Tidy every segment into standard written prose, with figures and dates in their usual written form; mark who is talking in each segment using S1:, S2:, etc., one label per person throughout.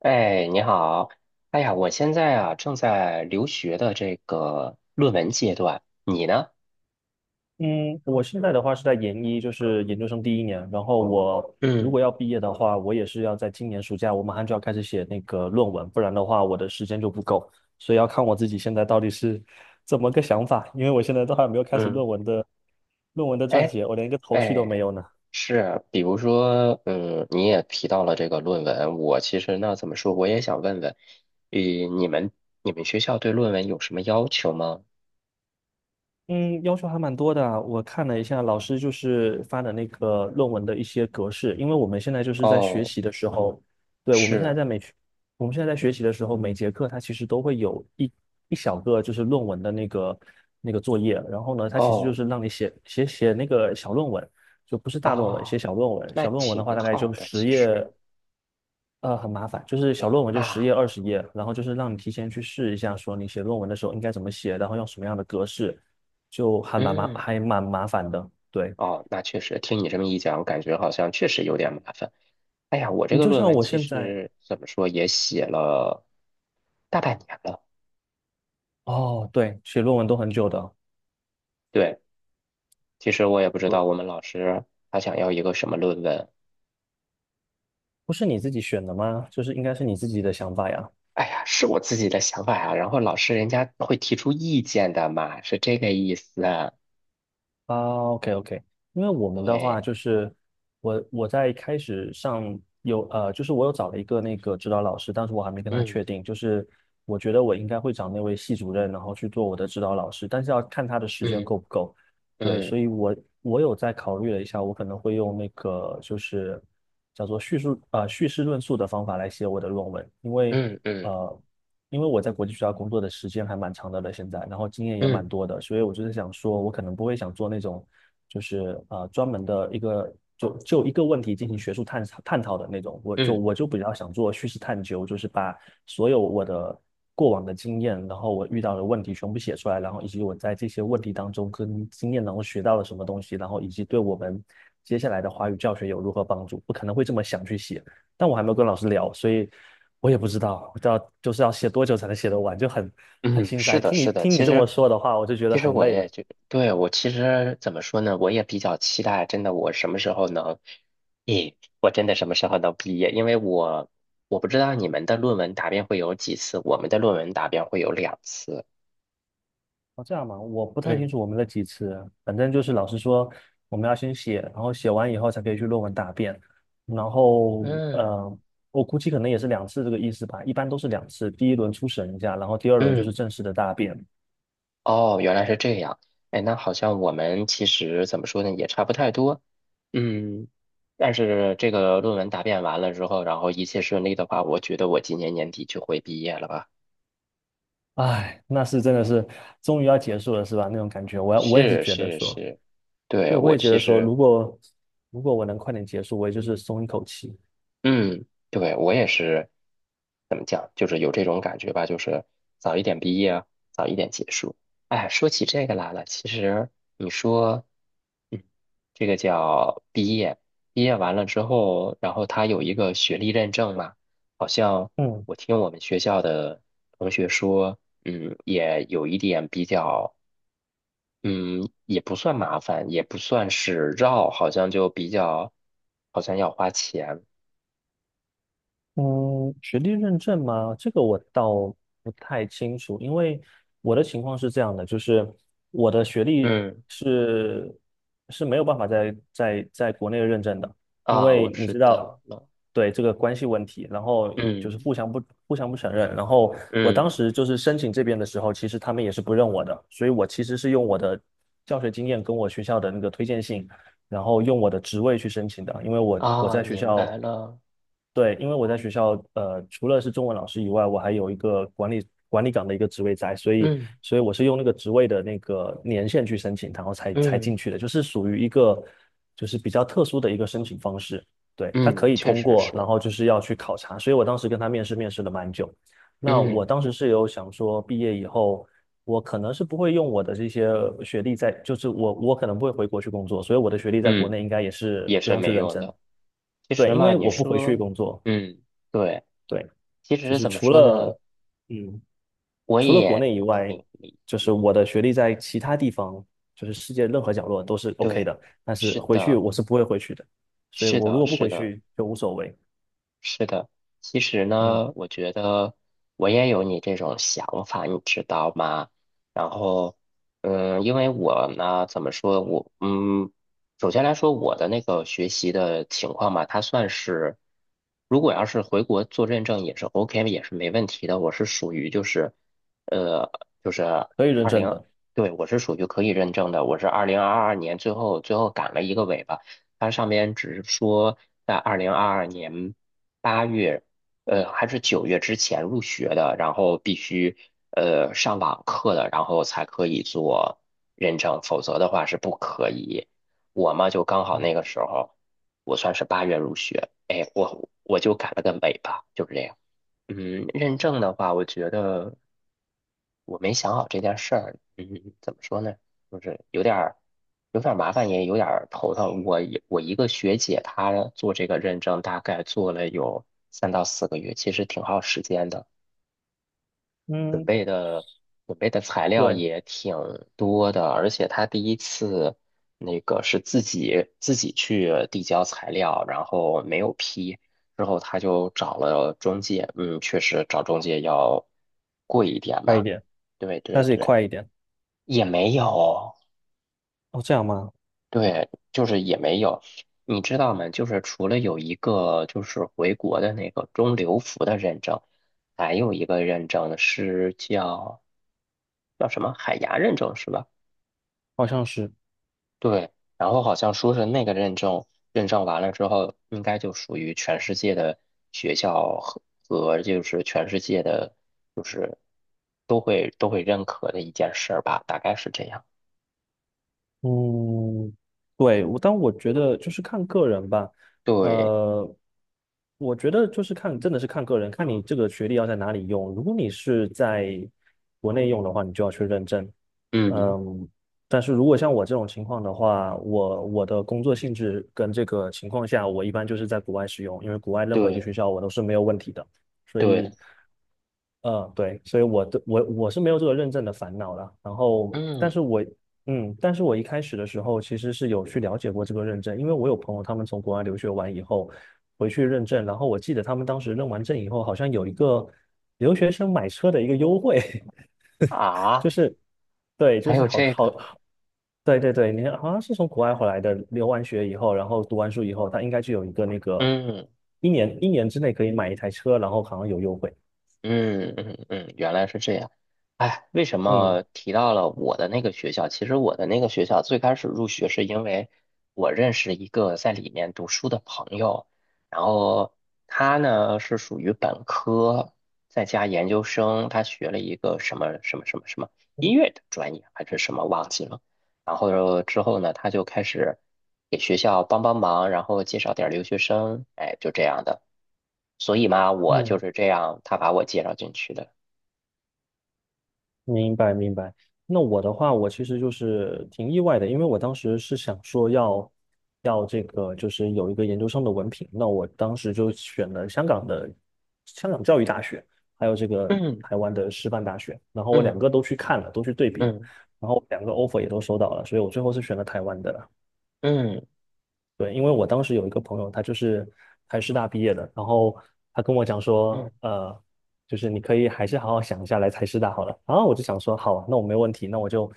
S1: 哎，你好。哎呀，我现在啊正在留学的这个论文阶段，你呢？
S2: 嗯，我现在的话是在研一，就是研究生第一年。然后我如
S1: 嗯
S2: 果要毕业的话，我也是要在今年暑假，我马上就要开始写那个论文，不然的话我的时间就不够。所以要看我自己现在到底是怎么个想法，因为我现在都还没有开始
S1: 嗯。
S2: 论文的撰
S1: 哎
S2: 写，我连一个头绪都没
S1: 哎，
S2: 有呢。
S1: 是，比如说，你也提到了这个论文，我其实那怎么说，我也想问问，呃，你们你们学校对论文有什么要求吗？
S2: 嗯，要求还蛮多的啊。我看了一下老师就是发的那个论文的一些格式，因为我们现在就是在学
S1: 哦，
S2: 习的时候，对，
S1: 是。
S2: 我们现在在学习的时候，每节课它其实都会有一小个就是论文的那个作业，然后呢，它其实就
S1: 哦
S2: 是让你写那个小论文，就不是大论文，写
S1: 啊，
S2: 小论文。
S1: 那
S2: 小论文
S1: 挺
S2: 的话大概就
S1: 好的，
S2: 十
S1: 其实
S2: 页，很麻烦，就是小论文就十
S1: 啊。
S2: 页、二十页，然后就是让你提前去试一下，说你写论文的时候应该怎么写，然后用什么样的格式，就
S1: 嗯。
S2: 还蛮麻烦的。对，
S1: 哦，那确实，听你这么一讲，感觉好像确实有点麻烦。哎呀，我这
S2: 你
S1: 个
S2: 就
S1: 论
S2: 像
S1: 文
S2: 我
S1: 其
S2: 现在，
S1: 实怎么说也写了大半年了。
S2: 哦，对，写论文都很久的，
S1: 对，其实我也不知道
S2: 对，
S1: 我们老师他想要一个什么论文。
S2: 不是你自己选的吗？就是应该是你自己的想法呀。
S1: 哎呀，是我自己的想法呀。然后老师人家会提出意见的嘛，是这个意思啊。
S2: 啊，OK OK。因为我们的话
S1: 对。
S2: 就是我我在开始上有呃，就是我有找了一个那个指导老师，但是我还没跟他确
S1: 嗯
S2: 定，就是我觉得我应该会找那位系主任，然后去做我的指导老师，但是要看他的时间
S1: 嗯
S2: 够不够。对，
S1: 嗯
S2: 所以我我有在考虑了一下，我可能会用那个就是叫做叙事论述的方法来写我的论文，因为
S1: 嗯嗯
S2: 呃因为我在国际学校工作的时间还蛮长的了，现在，然后经验
S1: 嗯
S2: 也蛮
S1: 嗯
S2: 多的，所以我就是想说，我可能不会想做那种，就是专门的一个就一个问题进行学术探探讨的那种，
S1: 嗯。
S2: 我就比较想做叙事探究，就是把所有我的过往的经验，然后我遇到的问题全部写出来，然后以及我在这些问题当中跟经验当中学到了什么东西，然后以及对我们接下来的华语教学有如何帮助，我可能会这么想去写。但我还没有跟老师聊，所以我也不知道，就是要写多久才能写得完，很
S1: 嗯，
S2: 心
S1: 是
S2: 塞。
S1: 的，是的。
S2: 听你
S1: 其
S2: 这么
S1: 实，
S2: 说的话，我就觉
S1: 其
S2: 得
S1: 实
S2: 很
S1: 我
S2: 累了。
S1: 也就，对。我其实怎么说呢，我也比较期待，真的，我什么时候能，咦，我真的什么时候能毕业？因为我不知道你们的论文答辩会有几次，我们的论文答辩会有2次。
S2: 哦，这样嘛，我不太清
S1: 嗯
S2: 楚我们的几次，反正就是老师说我们要先写，然后写完以后才可以去论文答辩，然后
S1: 嗯
S2: 我估计可能也是两次这个意思吧，一般都是两次，第一轮初审一下，然后第二轮就是
S1: 嗯。
S2: 正式的答辩。
S1: 哦，原来是这样。哎，那好像我们其实怎么说呢，也差不太多。嗯，但是这个论文答辩完了之后，然后一切顺利的话，我觉得我今年年底就会毕业了吧。
S2: 唉，那是真的是终于要结束了，是吧？那种感觉，我也是
S1: 是
S2: 觉得
S1: 是
S2: 说。
S1: 是，对，
S2: 对，我
S1: 我
S2: 也觉
S1: 其
S2: 得说，
S1: 实。
S2: 如果我能快点结束，我也就是松一口气。
S1: 嗯，对，我也是，怎么讲，就是有这种感觉吧，就是早一点毕业啊，早一点结束。哎，说起这个来了，其实你说。嗯，这个叫毕业，毕业完了之后，然后他有一个学历认证嘛。好像
S2: 嗯，
S1: 我听我们学校的同学说，也有一点比较。嗯，也不算麻烦，也不算是绕，好像就比较，好像要花钱。
S2: 嗯，学历认证吗？这个我倒不太清楚，因为我的情况是这样的，就是我的学历
S1: 嗯，
S2: 是是没有办法在国内认证的，因
S1: 啊，我
S2: 为你
S1: 知
S2: 知
S1: 道
S2: 道，
S1: 了。
S2: 对这个关系问题，然后就是
S1: 嗯
S2: 互相不承认，然后我当
S1: 嗯，
S2: 时就是申请这边的时候，其实他们也是不认我的，所以我其实是用我的教学经验跟我学校的那个推荐信。然后用我的职位去申请的，因为我
S1: 啊，
S2: 在学
S1: 明白
S2: 校，
S1: 了。
S2: 对，因为我在学校，除了是中文老师以外，我还有一个管理岗的一个职位在，所以，
S1: 嗯
S2: 所以我是用那个职位的那个年限去申请，然后才
S1: 嗯
S2: 进去的，就是属于一个就是比较特殊的一个申请方式。对，他可
S1: 嗯，
S2: 以
S1: 确
S2: 通
S1: 实
S2: 过，然
S1: 是。
S2: 后就是要去考察，所以我当时跟他面试，面试了蛮久。那
S1: 嗯
S2: 我当时是有想说，毕业以后我可能是不会用我的这些学历在，我可能不会回国去工作，所以我的学历在国
S1: 嗯，
S2: 内应该也是
S1: 也
S2: 不
S1: 是
S2: 用去
S1: 没
S2: 认
S1: 用
S2: 真。
S1: 的。其
S2: 对，
S1: 实
S2: 因
S1: 嘛，
S2: 为
S1: 你
S2: 我不回去
S1: 说。
S2: 工作，
S1: 嗯，对，
S2: 对，
S1: 其
S2: 就
S1: 实
S2: 是
S1: 怎么
S2: 除
S1: 说呢，
S2: 了嗯，
S1: 我
S2: 除了国
S1: 也
S2: 内以外，
S1: 挺理
S2: 就是
S1: 解。
S2: 我的学历在其他地方，就是世界任何角落都是 OK
S1: 对，
S2: 的，但是
S1: 是
S2: 回去
S1: 的，
S2: 我是不会回去的，所以
S1: 是
S2: 我如
S1: 的，
S2: 果不
S1: 是
S2: 回
S1: 的。
S2: 去就无所谓，
S1: 是的，其实
S2: 嗯，
S1: 呢，我觉得我也有你这种想法，你知道吗？然后，因为我呢，怎么说，首先来说，我的那个学习的情况吧，它算是，如果要是回国做认证也是 OK，也是没问题的。我是属于就是，呃，就是
S2: 可以认
S1: 二
S2: 证
S1: 零，
S2: 的，
S1: 对，我是属于可以认证的。我是二零二二年最后最后赶了一个尾巴。它上面只是说在二零二二年。八月，还是9月之前入学的，然后必须上网课的，然后才可以做认证，否则的话是不可以。我嘛，就刚好那个时候，我算是八月入学，哎，我就改了个尾巴，就是这样。认证的话，我觉得我没想好这件事儿。嗯，怎么说呢？就是有点儿，麻烦，也有点儿头疼。我一个学姐，她做这个认证，大概做了有3到4个月，其实挺耗时间的。准
S2: 嗯，
S1: 备。准备的材料
S2: 对，
S1: 也挺多的，而且他第一次那个是自己去递交材料，然后没有批，之后他就找了中介，确实找中介要贵一点
S2: 快一
S1: 吧，
S2: 点，
S1: 对
S2: 但
S1: 对
S2: 是也
S1: 对，
S2: 快一点，
S1: 也没有，
S2: 哦，这样吗？
S1: 对，就是也没有，你知道吗？就是除了有一个就是回国的那个中留服的认证，还有一个认证是叫什么海牙认证是吧？
S2: 好像是。
S1: 对，然后好像说是那个认证完了之后，应该就属于全世界的学校和就是全世界的，就是都会认可的一件事儿吧，大概是这样。
S2: 嗯，对，但我觉得就是看个人吧。
S1: 对，
S2: 呃，我觉得就是看，真的是看个人，看你这个学历要在哪里用。如果你是在国内用的话，你就要去认证。
S1: 嗯，
S2: 嗯，但是如果像我这种情况的话，我的工作性质跟这个情况下，我一般就是在国外使用，因为国外任何一个
S1: 对
S2: 学校我都是没有问题的。所
S1: 对，
S2: 以，嗯，对，所以我的我我是没有这个认证的烦恼了。然后，
S1: 嗯
S2: 但是我一开始的时候其实是有去了解过这个认证，因为我有朋友他们从国外留学完以后回去认证，然后我记得他们当时认完证以后，好像有一个留学生买车的一个优惠，就
S1: 啊，
S2: 是对，
S1: 还
S2: 就是
S1: 有
S2: 好
S1: 这
S2: 好
S1: 个，
S2: 好对对对，你看好像是从国外回来的，留完学以后，然后读完书以后，他应该就有一个那个
S1: 嗯。
S2: 一年之内可以买一台车，然后好像有优惠。
S1: 嗯嗯嗯，原来是这样。哎，为什
S2: 嗯
S1: 么提到了我的那个学校？其实我的那个学校最开始入学是因为我认识一个在里面读书的朋友，然后他呢是属于本科，再加研究生，他学了一个什么什么什么什么音乐的专业还是什么忘记了。然后之后呢，他就开始给学校帮帮忙，然后介绍点儿留学生，哎，就这样的。所以嘛，我就
S2: 嗯
S1: 是这样，他把我介绍进去的。
S2: 明白明白。那我的话，我其实就是挺意外的，因为我当时是想说要这个，就是有一个研究生的文凭。那我当时就选了香港教育大学，还有这个
S1: 嗯
S2: 台湾的师范大学。然后我两
S1: 嗯
S2: 个都去看了，都去对比了，
S1: 嗯
S2: 然后两个 offer 也都收到了，所以我最后是选了台湾的。
S1: 嗯
S2: 对，因为我当时有一个朋友，他就是台师大毕业的，然后他跟我讲说，
S1: 嗯
S2: 就是你可以还是好好想一下来台师大好了。然后我就想说，好啊，那我没问题，那我就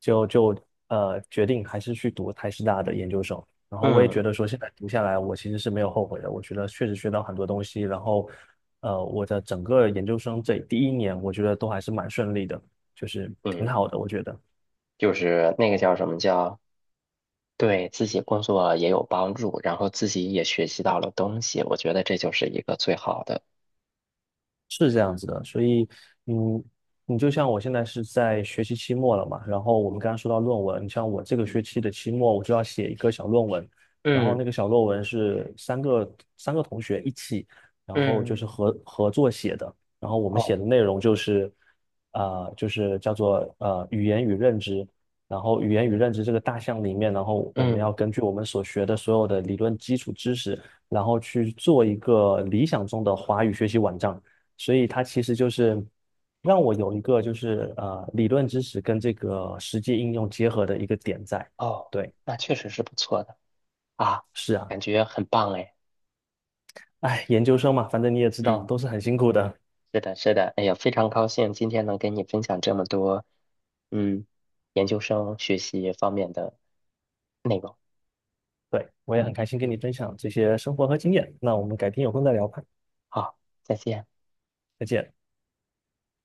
S2: 就就呃决定还是去读台师大的研究生。然后我也觉
S1: 嗯
S2: 得说，现在读下来，我其实是没有后悔的。我觉得确实学到很多东西，然后我的整个研究生这第一年，我觉得都还是蛮顺利的，就是挺
S1: 嗯，
S2: 好的，我觉得。
S1: 就是那个叫什么叫，对自己工作也有帮助，然后自己也学习到了东西，我觉得这就是一个最好的。
S2: 是这样子的，所以，嗯，你就像我现在是在学期期末了嘛，然后我们刚刚说到论文，你像我这个学期的期末，我就要写一个小论文，然后
S1: 嗯
S2: 那个小论文是三个同学一起，然后就是
S1: 嗯
S2: 合作写的，然后我们写
S1: 哦
S2: 的内容就是，啊、就是叫做语言与认知，然后语言与认知这个大项里面，然后我们
S1: 嗯
S2: 要根据我们所学的所有的理论基础知识，然后去做一个理想中的华语学习网站。所以它其实就是让我有一个就是理论知识跟这个实际应用结合的一个点在。
S1: 哦，
S2: 对，
S1: 那确实是不错的啊，
S2: 是啊，
S1: 感觉很棒哎。
S2: 哎，研究生嘛，反正你也知道，
S1: 嗯，
S2: 都是很辛苦的。
S1: 是的，是的，哎呀，非常高兴今天能跟你分享这么多，嗯，研究生学习方面的。那个，
S2: 对，我也很开心跟你
S1: 嗯，
S2: 分享这些生活和经验。那我们改天有空再聊吧，
S1: 好，再见。
S2: 再见。